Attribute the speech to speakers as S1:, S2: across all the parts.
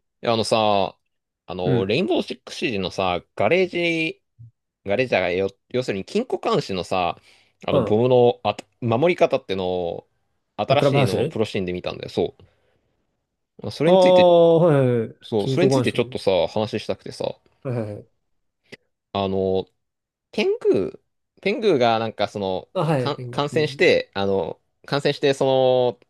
S1: いや、あのさ、あ
S2: う
S1: の、レ
S2: ん。
S1: インボーシックスシージのさ、ガレージャーがよ、要するに金庫監視のさ、
S2: あ、
S1: ボムのあた、守り方ってのを、
S2: あ、
S1: 新
S2: クラブ
S1: し
S2: ハ
S1: い
S2: ウ
S1: のを
S2: ス。
S1: プロシーンで見たんだよ、そう。それ
S2: あ
S1: について、
S2: あ、はいはいはい。
S1: そう、
S2: 金
S1: それ
S2: 庫
S1: につ
S2: マ
S1: い
S2: ン
S1: てちょっと
S2: ン。
S1: さ、話したくてさ、
S2: はいはいはい。
S1: あの、天狗、天狗がなんかその、
S2: あ、はい、ペング。
S1: 感
S2: う
S1: 染し
S2: ん。
S1: て、感染して、その、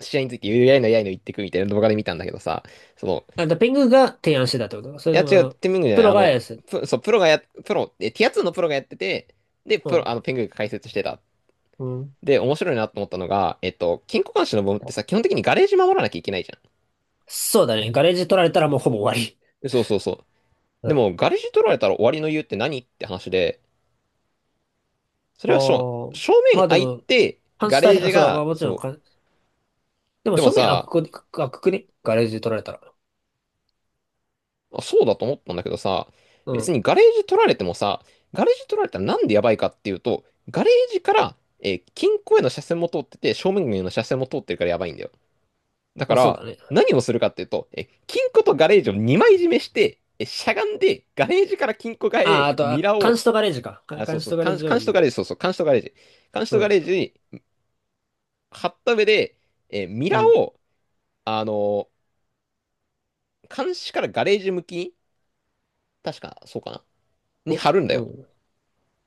S1: 試合について、やいのやいの言ってくみたいな動画で見たんだけどさ、その、
S2: あ、だペングが提案してたってことか。そ
S1: い
S2: れ
S1: や、
S2: とも、
S1: 違う、ティムングじゃな
S2: プ
S1: い。
S2: ロがやす。
S1: そう、プロ、え、ティア2のプロがやってて、で、
S2: う
S1: プロ、
S2: ん。
S1: あの、ペングが解説してた。
S2: うん。
S1: で、面白いなと思ったのが、えっと、金庫監視の部分ってさ、基本的にガレージ守らなきゃいけないじゃん。
S2: そうだね。ガレージ取られたらもうほぼ終わり。
S1: そうそうそう。
S2: う
S1: で
S2: ん。
S1: も、ガレージ取られたら終わりの理由って何って話で、そ
S2: あ
S1: れはしょ
S2: あ。
S1: 正
S2: ま
S1: 面
S2: あで
S1: 開い
S2: も、
S1: て、
S2: 半
S1: ガ
S2: 死大
S1: レー
S2: 変、あ、
S1: ジ
S2: そう、ま
S1: が、
S2: あもちろん
S1: そ
S2: か、で
S1: う。
S2: も
S1: でも
S2: 正面
S1: さ、
S2: 開くくねガレージ取られたら。
S1: あそうだと思ったんだけどさ、
S2: う
S1: 別
S2: ん。
S1: にガレージ取られてもさ、ガレージ取られたらなんでやばいかっていうと、ガレージから金庫への車線も通ってて、正面への車線も通ってるからやばいんだよ。だか
S2: まあそう
S1: ら、
S2: だね。
S1: 何をするかっていうと、え金庫とガレージを2枚締めして、えしゃがんで、ガレージから金庫側
S2: ああ、
S1: へ
S2: あと、
S1: ミ
S2: あ、
S1: ラー
S2: 監
S1: を、
S2: 視とガレージか。
S1: あ、そう
S2: 監視
S1: そ
S2: と
S1: う、
S2: ガレージを
S1: 監視と
S2: 2
S1: ガ
S2: 枚。
S1: レージ、そうそう、監視とガレージ、監視
S2: う
S1: とガ
S2: ん。
S1: レージに貼った上で、えミ
S2: う
S1: ラー
S2: ん。
S1: を、あの監視からガレージ向きに、確か、そうかな、に
S2: お
S1: 貼るんだ
S2: う
S1: よ。
S2: ん。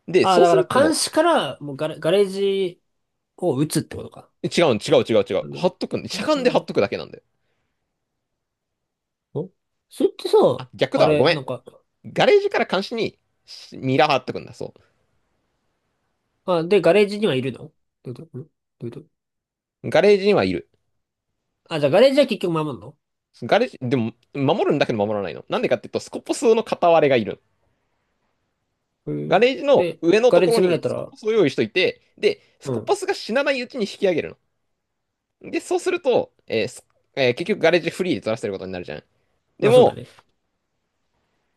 S1: で、
S2: ああ、
S1: そう
S2: だ
S1: すると、
S2: から監視から、もうガレージを打つってことか。
S1: 違う。
S2: なんだろ
S1: 貼
S2: う。
S1: っとくんしゃがんで貼っとくだけなんだよ。
S2: おれってさ、
S1: あ、逆
S2: あ
S1: だわ。ご
S2: れ、
S1: めん。
S2: なんか、
S1: ガレージから監視にミラー貼っとくんだ。そ
S2: で、ガレージにはいるのどういうこと。
S1: う。ガレージにはいる。
S2: あ、じゃあガレージは結局守んの？
S1: ガレージ、でも、守るんだけど守らないの。なんでかっていうと、スコポスの片割れがいる。
S2: う
S1: ガ
S2: ん。
S1: レージの
S2: で、
S1: 上の
S2: ガ
S1: と
S2: レー
S1: ころ
S2: ジ攻められ
S1: に
S2: た
S1: スコ
S2: ら、
S1: ポスを用意しといて、で、ス
S2: う
S1: コ
S2: ん。
S1: ポスが死なないうちに引き上げるの。で、そうすると、結局ガレージフリーで取らせることになるじゃん。で
S2: まあそうだ
S1: も、
S2: ね。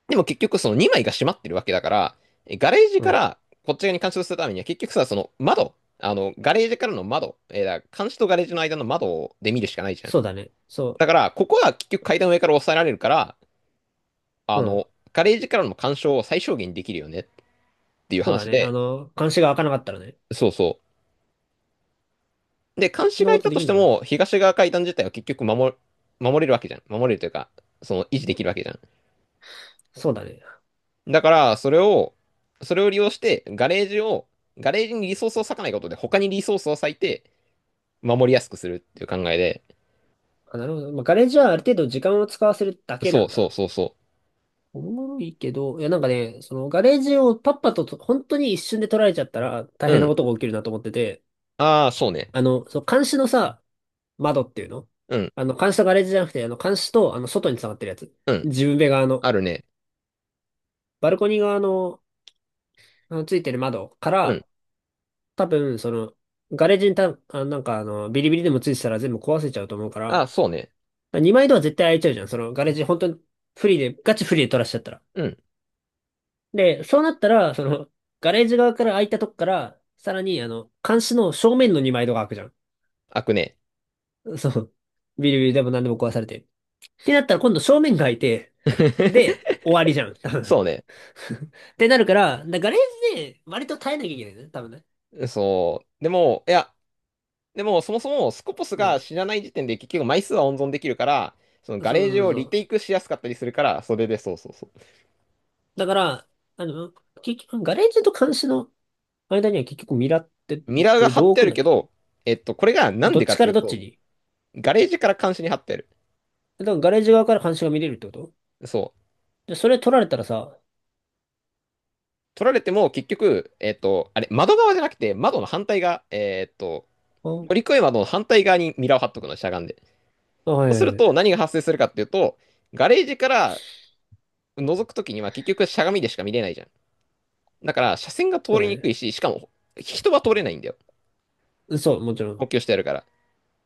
S1: でも結局その2枚が閉まってるわけだから、えガレージ
S2: う
S1: か
S2: ん。
S1: らこっち側に監視をするためには結局さ、その窓、あの、ガレージからの窓、えーだから監視とガレージの間の窓で見るしかないじゃん。
S2: そうだね。そ
S1: だから、ここは結局階段上から抑えられるから、あ
S2: う。うん。
S1: の、ガレージからの干渉を最小限できるよねっていう
S2: そうだ
S1: 話
S2: ね。
S1: で、
S2: 監視が開かなかったらね。
S1: そうそう。で、監
S2: そ
S1: 視
S2: んな
S1: が
S2: こ
S1: い
S2: と
S1: た
S2: で
S1: と
S2: き
S1: し
S2: ん
S1: て
S2: のかな？
S1: も、東側階段自体は結局守、守れるわけじゃん。守れるというか、その維持できるわけじゃん。
S2: そうだね。
S1: だから、それを利用して、ガレージにリソースを割かないことで、他にリソースを割いて、守りやすくするっていう考えで。
S2: あ、なるほど。まあ、ガレージはある程度時間を使わせるだけな
S1: そう
S2: ん
S1: そう
S2: だ。
S1: そうそ
S2: おもろいけど、いやなんかね、そのガレージをパッパと、本当に一瞬で取られちゃったら大
S1: う。う
S2: 変な
S1: ん。
S2: ことが起きるなと思ってて、
S1: ああ、そうね。
S2: そう、監視のさ、窓っていうの。
S1: うん。
S2: 監視とガレージじゃなくて、監視と、外に繋がってるやつ。
S1: うん。
S2: 自分部側の、
S1: あるね。
S2: バルコニー側の、ついてる窓か
S1: うん。
S2: ら、多分、その、ガレージになんか、ビリビリでもついてたら全部壊せちゃうと思うか
S1: ああ、そう
S2: ら、
S1: ね。
S2: 2枚ドア絶対開いちゃうじゃん。その、ガレージ、本当にフリーで、ガチフリーで取らしちゃったら。
S1: うん。
S2: で、そうなったら、その、ガレージ側から開いたとこから、さらに、監視の正面の2枚ドアが開くじゃ
S1: 開くね。
S2: ん。そう。ビリビリでも何でも壊されて。ってなったら、今度正面が開いて、で、終わりじゃん。多分。
S1: そうね。
S2: ってなるから、ガレージで割と耐えなきゃいけないね。多分ね。
S1: そう。でも、そもそもスコポス
S2: う
S1: が
S2: ん。
S1: 知らない時点で結局枚数は温存できるから、その
S2: そう
S1: ガレージ
S2: そう
S1: を
S2: そ
S1: リテイ
S2: う。
S1: クしやすかったりするから、それでそうそうそ
S2: だから、あの、結局、ガレージと監視の間には結局ミラーって
S1: う。ミラーが貼
S2: どう
S1: ってあ
S2: 置くん
S1: る
S2: だっ
S1: け
S2: け？
S1: ど、えっと、これがなん
S2: どっ
S1: でか
S2: ち
S1: っ
S2: か
S1: てい
S2: ら
S1: う
S2: どっち
S1: と、
S2: に？
S1: ガレージから監視に貼ってる。
S2: だからガレージ側から監視が見れるってこと
S1: そう。
S2: で、それ取られたらさ、
S1: 取られても結局、えっと、あれ、窓側じゃなくて、窓の反対側、えっと、
S2: あ、
S1: 乗り越え窓の反対側にミラーを貼っとくの、しゃがんで。
S2: あ、は
S1: そ
S2: い
S1: う
S2: は
S1: す
S2: い
S1: る
S2: は
S1: と、
S2: い、
S1: 何が発生するかっていうと、ガレージから覗くときには結局しゃがみでしか見れないじゃん。だから、車線が通
S2: そうだ
S1: りにくい
S2: ね。
S1: し、しかも、人は通れないんだよ。
S2: うん。そう、もちろ
S1: 補
S2: ん。
S1: 強してやるから。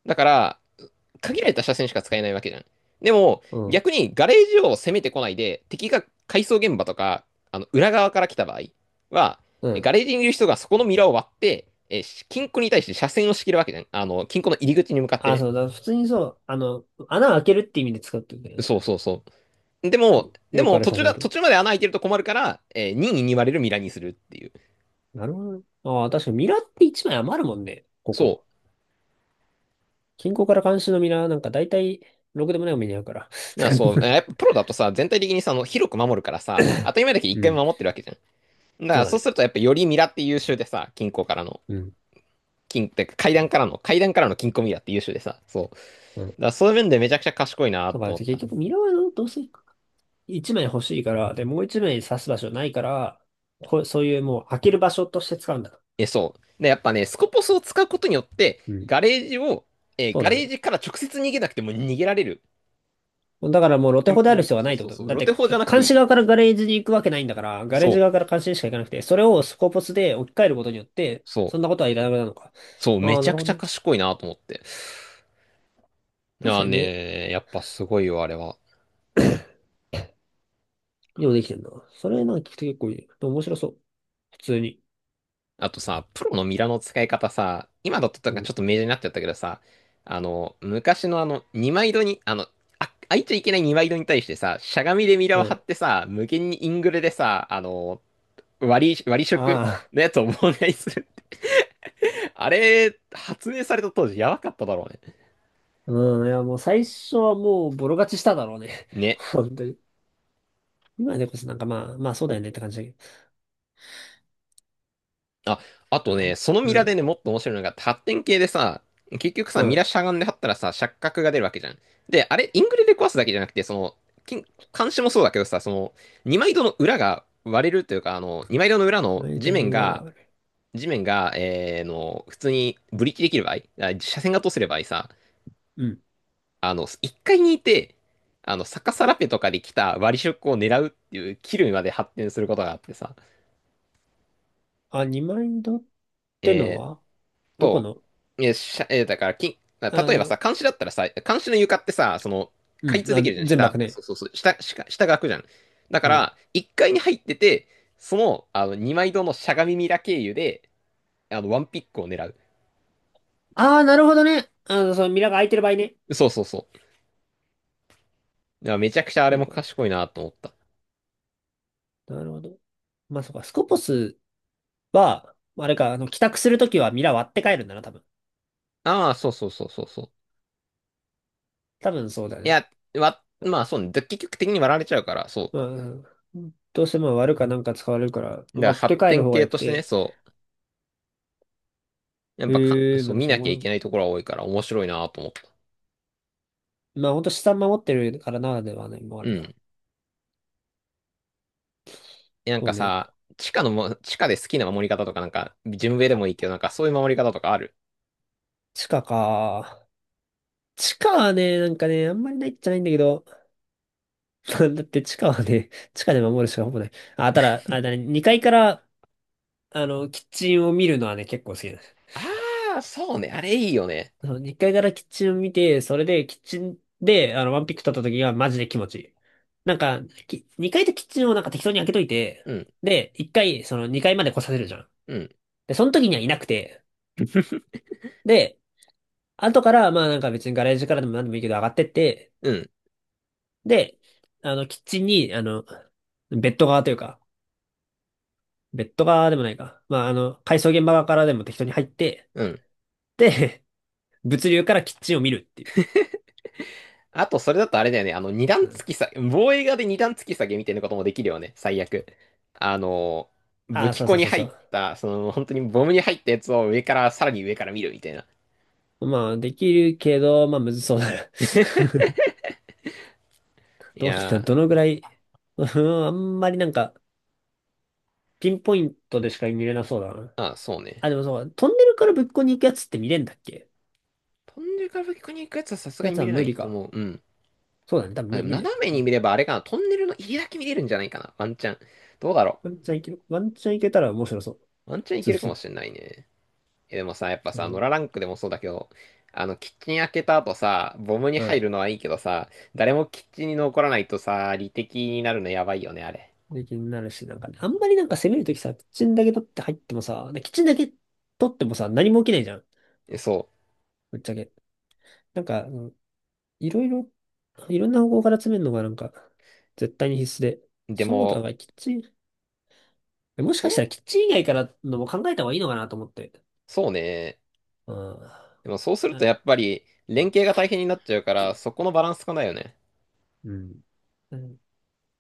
S1: だから、限られた車線しか使えないわけじゃん。でも、
S2: うん。
S1: 逆にガレージを攻めてこないで、敵が改装現場とか、あの、裏側から来た場合は、
S2: うん。
S1: ガレージにいる人がそこのミラーを割って、え、金庫に対して車線を仕切るわけじゃん。あの、金庫の入り口に向かって
S2: あ、
S1: ね。
S2: そうだ。普通にそう、穴開けるって意味で使ってるんだよね。
S1: そうそうそう。でも、
S2: よくある写真のと
S1: 途中まで穴開いてると困るから、えー、任意に割れるミラーにするっていう。
S2: なるほどね。ああ、確かにミラーって1枚余るもんね。こ
S1: そ
S2: こ。近郊から監視のミラーなんか大体、ろくでもないお目に合うから。
S1: う。だからそう、やっぱ プロだとさ、全体的にさ、あの、広く守るからさ、当たり前だけど一
S2: う
S1: 回
S2: ん。
S1: も守ってるわけじゃん。だか
S2: そう
S1: ら
S2: だ
S1: そう
S2: ね。
S1: するとやっぱよりミラって優秀でさ、金庫からの。
S2: うん。
S1: てか階段からの、階段からの金庫ミラーって優秀でさ、そう。だか
S2: うん。
S1: らそういう面でめちゃくちゃ賢いなっ
S2: だか
S1: て
S2: ら
S1: 思っ
S2: 結
S1: た。
S2: 局ミラーはどうせ1枚欲しいから、で、もう1枚刺す場所ないから、そういうもう開ける場所として使うんだ。
S1: え、そう。で、やっぱね、スコポスを使うことによって、
S2: うん。そう
S1: ガ
S2: だ
S1: レー
S2: ね。
S1: ジから直接逃げなくても逃げられる。
S2: だからもう露テ
S1: 戦
S2: ホである
S1: 法。
S2: 必要は
S1: そ
S2: な
S1: う
S2: いって
S1: そ
S2: こ
S1: うそ
S2: と。
S1: う。
S2: だっ
S1: ロテ
S2: て、
S1: 法じゃなくて
S2: 監
S1: いい。
S2: 視側からガレージに行くわけないんだから、ガレージ
S1: そう。
S2: 側から監視にしか行かなくて、それをスコーポスで置き換えることによって、
S1: そ
S2: そんなこ
S1: う。
S2: とはいらなくなるのか。
S1: そう。め
S2: ああ、
S1: ち
S2: な
S1: ゃ
S2: る
S1: く
S2: ほ
S1: ちゃ
S2: どね。
S1: 賢いなと思って。い
S2: 確か
S1: や
S2: にね。
S1: ね、やっぱすごいよ、あれは。
S2: よできてんな。それなんか聞くと結構いい。でも面白そう。普通に。
S1: あとさ、プロのミラの使い方さ、今だとなん
S2: う
S1: かちょっ
S2: ん。
S1: と明示になっちゃったけどさ、あの、昔のあの、二枚戸に、あ、開いちゃいけない二枚戸に対してさ、しゃがみでミラ
S2: う
S1: を張っ
S2: ん。
S1: てさ、無限にイングレでさ、あの、割り食
S2: あ
S1: のやつを妨害するって。あれ、発明された当時やばかっただろうね。
S2: あ。うん。いや、もう最初はもうボロ勝ちしただろうね。
S1: ね。
S2: 本当に。今でこそなんかまあ、まあそうだよねって感じだけ
S1: あ、あと
S2: ど。
S1: ね、その
S2: う
S1: ミラで
S2: ん。
S1: ね、もっと面白いのが、発展系でさ、結局さ、
S2: う
S1: ミ
S2: ん。
S1: ラしゃがんで張ったらさ、錯覚が出るわけじゃん。で、あれ、イングレで壊すだけじゃなくて、その、金監視もそうだけどさ、その、二枚戸の裏が割れるというか、あの、二枚戸の裏の
S2: マイン
S1: 地
S2: ドの
S1: 面
S2: 裏は
S1: が、
S2: あれ。
S1: 地面が、えーの、普通にブリキできる場合、あ車線が通せる場合さ、
S2: うん。
S1: あの、一階にいて、あの、逆さラペとかで来た割り色を狙うっていう、キルまで発展することがあってさ、
S2: あ、二マインドっての
S1: えー
S2: はどこ
S1: そ
S2: の？
S1: う。え、しゃ、え、だから、き、例
S2: あ
S1: えば
S2: の、
S1: さ、監視だったらさ、監視の床ってさ、その、
S2: う
S1: 開
S2: ん。
S1: 通で
S2: あ、
S1: きるじゃん、
S2: 全
S1: 下。
S2: 幕
S1: そう
S2: ね。
S1: そうそう、下が開くじゃん。だか
S2: うん。
S1: ら、1階に入ってて、2枚堂のしゃがみミラ経由で、あの、ワンピックを狙う。
S2: ああ、なるほどね。そのミラーが空いてる場合ね。
S1: そうそうそう。だからめちゃくちゃあれ
S2: そ
S1: も
S2: うか。
S1: 賢いなと思った。
S2: なるほど。まあそうか。スコポスは、あれか、帰宅するときはミラー割って帰るんだな、多分。
S1: ああ、そうそうそうそうそう。
S2: 多分そうだ
S1: い
S2: ね。
S1: や、まあそうね、で結局的に割られちゃうから、そ
S2: まあ、うん。どうしても割るかなんか使われるから、
S1: う。だから
S2: 割って
S1: 発
S2: 帰る
S1: 展
S2: 方が
S1: 系
S2: 良く
S1: としてね、
S2: て。
S1: そう。やっぱか、
S2: へえ、
S1: そ
S2: ま
S1: う、
S2: た
S1: 見
S2: そ
S1: なきゃい
S2: の、
S1: けないところは多いから面白いなと思った。
S2: まあほんと資産守ってるからならではね、もうあ
S1: う
S2: るな。
S1: ん。なん
S2: そ
S1: か
S2: うね。
S1: さ、地下で好きな守り方とか、なんか、順上でもいい
S2: あ、
S1: けど、なんかそういう守り方とかある。
S2: 地下か。地下はね、なんかね、あんまりないっちゃないんだけど、だって地下はね、地下で守るしかほぼない。あ、ただ、あれだね、2階から、キッチンを見るのはね、結構好きだね。
S1: ああ、そうね。あれいいよね。
S2: その1階からキッチンを見て、それでキッチンで、ワンピック取った時がマジで気持ちいい。なんか、2階とキッチンをなんか適当に開けといて、
S1: うん、
S2: で、1回、その2階まで来させるじゃん。
S1: うん、
S2: で、その時にはいなくて、で、後から、まあなんか別にガレージからでも何でもいいけど上がってって、
S1: うん、
S2: で、キッチンに、ベッド側というか、ベッド側でもないか。まあ改装現場側からでも適当に入って、
S1: うん。
S2: で、物流からキッチンを見るっていう。
S1: あと、それだとあれだよね。あの、二段
S2: うん、
S1: 突き下げ、防衛側で二段突き下げみたいなこともできるよね。最悪。あの、
S2: あ
S1: 武
S2: あ、
S1: 器
S2: そう
S1: 庫
S2: そう
S1: に
S2: そう
S1: 入
S2: そ
S1: っ
S2: う。
S1: た、その、本当にボムに入ったやつを上から、さらに上から見るみたいな。
S2: まあ、できるけど、まあ、むずそうだな。
S1: い
S2: どう
S1: や
S2: な、
S1: ー、
S2: どのぐらい、うん。あんまりなんか、ピンポイントでしか見れなそうだな。
S1: ああ、そうね。
S2: あ、でもそう、トンネルからぶっこに行くやつって見れんだっけ？
S1: 飛んでから武器庫に行くやつはさすが
S2: や
S1: に
S2: つ
S1: 見
S2: は
S1: れな
S2: 無
S1: い
S2: 理
S1: と
S2: か。
S1: 思う。うん。
S2: そうだね、多分
S1: あ、で
S2: 無
S1: も
S2: 無理だ
S1: 斜めに
S2: ね。
S1: 見ればあれかな。トンネルの入りだけ見れるんじゃないかな。ワンチャン。どうだろ
S2: ワンチャンいける、ワンチャンいけたら面白そう。
S1: う。ワンチャンい
S2: 普
S1: けるか
S2: 通
S1: も
S2: に。
S1: しれないね。え、でもさ、やっぱ
S2: う
S1: さ、ノ
S2: ん、
S1: ラランクでもそうだけど、あの、キッチン開けた後さ、ボムに
S2: う
S1: 入
S2: ん。
S1: るのはいいけどさ、誰もキッチンに残らないとさ、理敵になるのやばいよね、あれ。
S2: で気になるし、なんかね、あんまりなんか攻めるときさ、キッチンだけ取って入ってもさ、キッチンだけ取ってもさ、何も起きないじゃん。
S1: えそ
S2: ぶっちゃけ。なんか、うん。いろいろ、いろんな方向から詰めるのがなんか、絶対に必須で。
S1: う。
S2: そうだが、キッチン。もし
S1: そう
S2: かしたらキッチン以外からのも考えた方がいいのかなと思って。
S1: そうね。
S2: うん。あ
S1: でもそうするとやっぱり、連携が大変になっちゃうから、そこのバランスかないよね。
S2: うん。うん。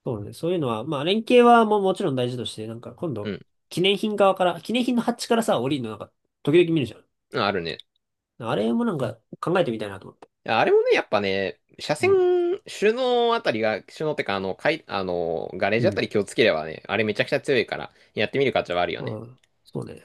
S2: そうね。そういうのは、まあ、連携はもうもちろん大事として、なんか今
S1: う
S2: 度、
S1: ん。
S2: 記念品側から、記念品のハッチからさ、降りるのなんか、時々見るじゃん。
S1: うんあるね。
S2: あれもなんか考えてみたいなと
S1: やあれもね、やっぱね、車線、
S2: 思って。
S1: 首脳あたりが、首脳ってか、あの、かい、あの、ガレー
S2: う
S1: ジ
S2: ん。
S1: あ
S2: う
S1: た
S2: ん。
S1: り気をつければね、あれめちゃくちゃ強いから、やってみる価値はあるよ
S2: う
S1: ね。
S2: ん。そうね。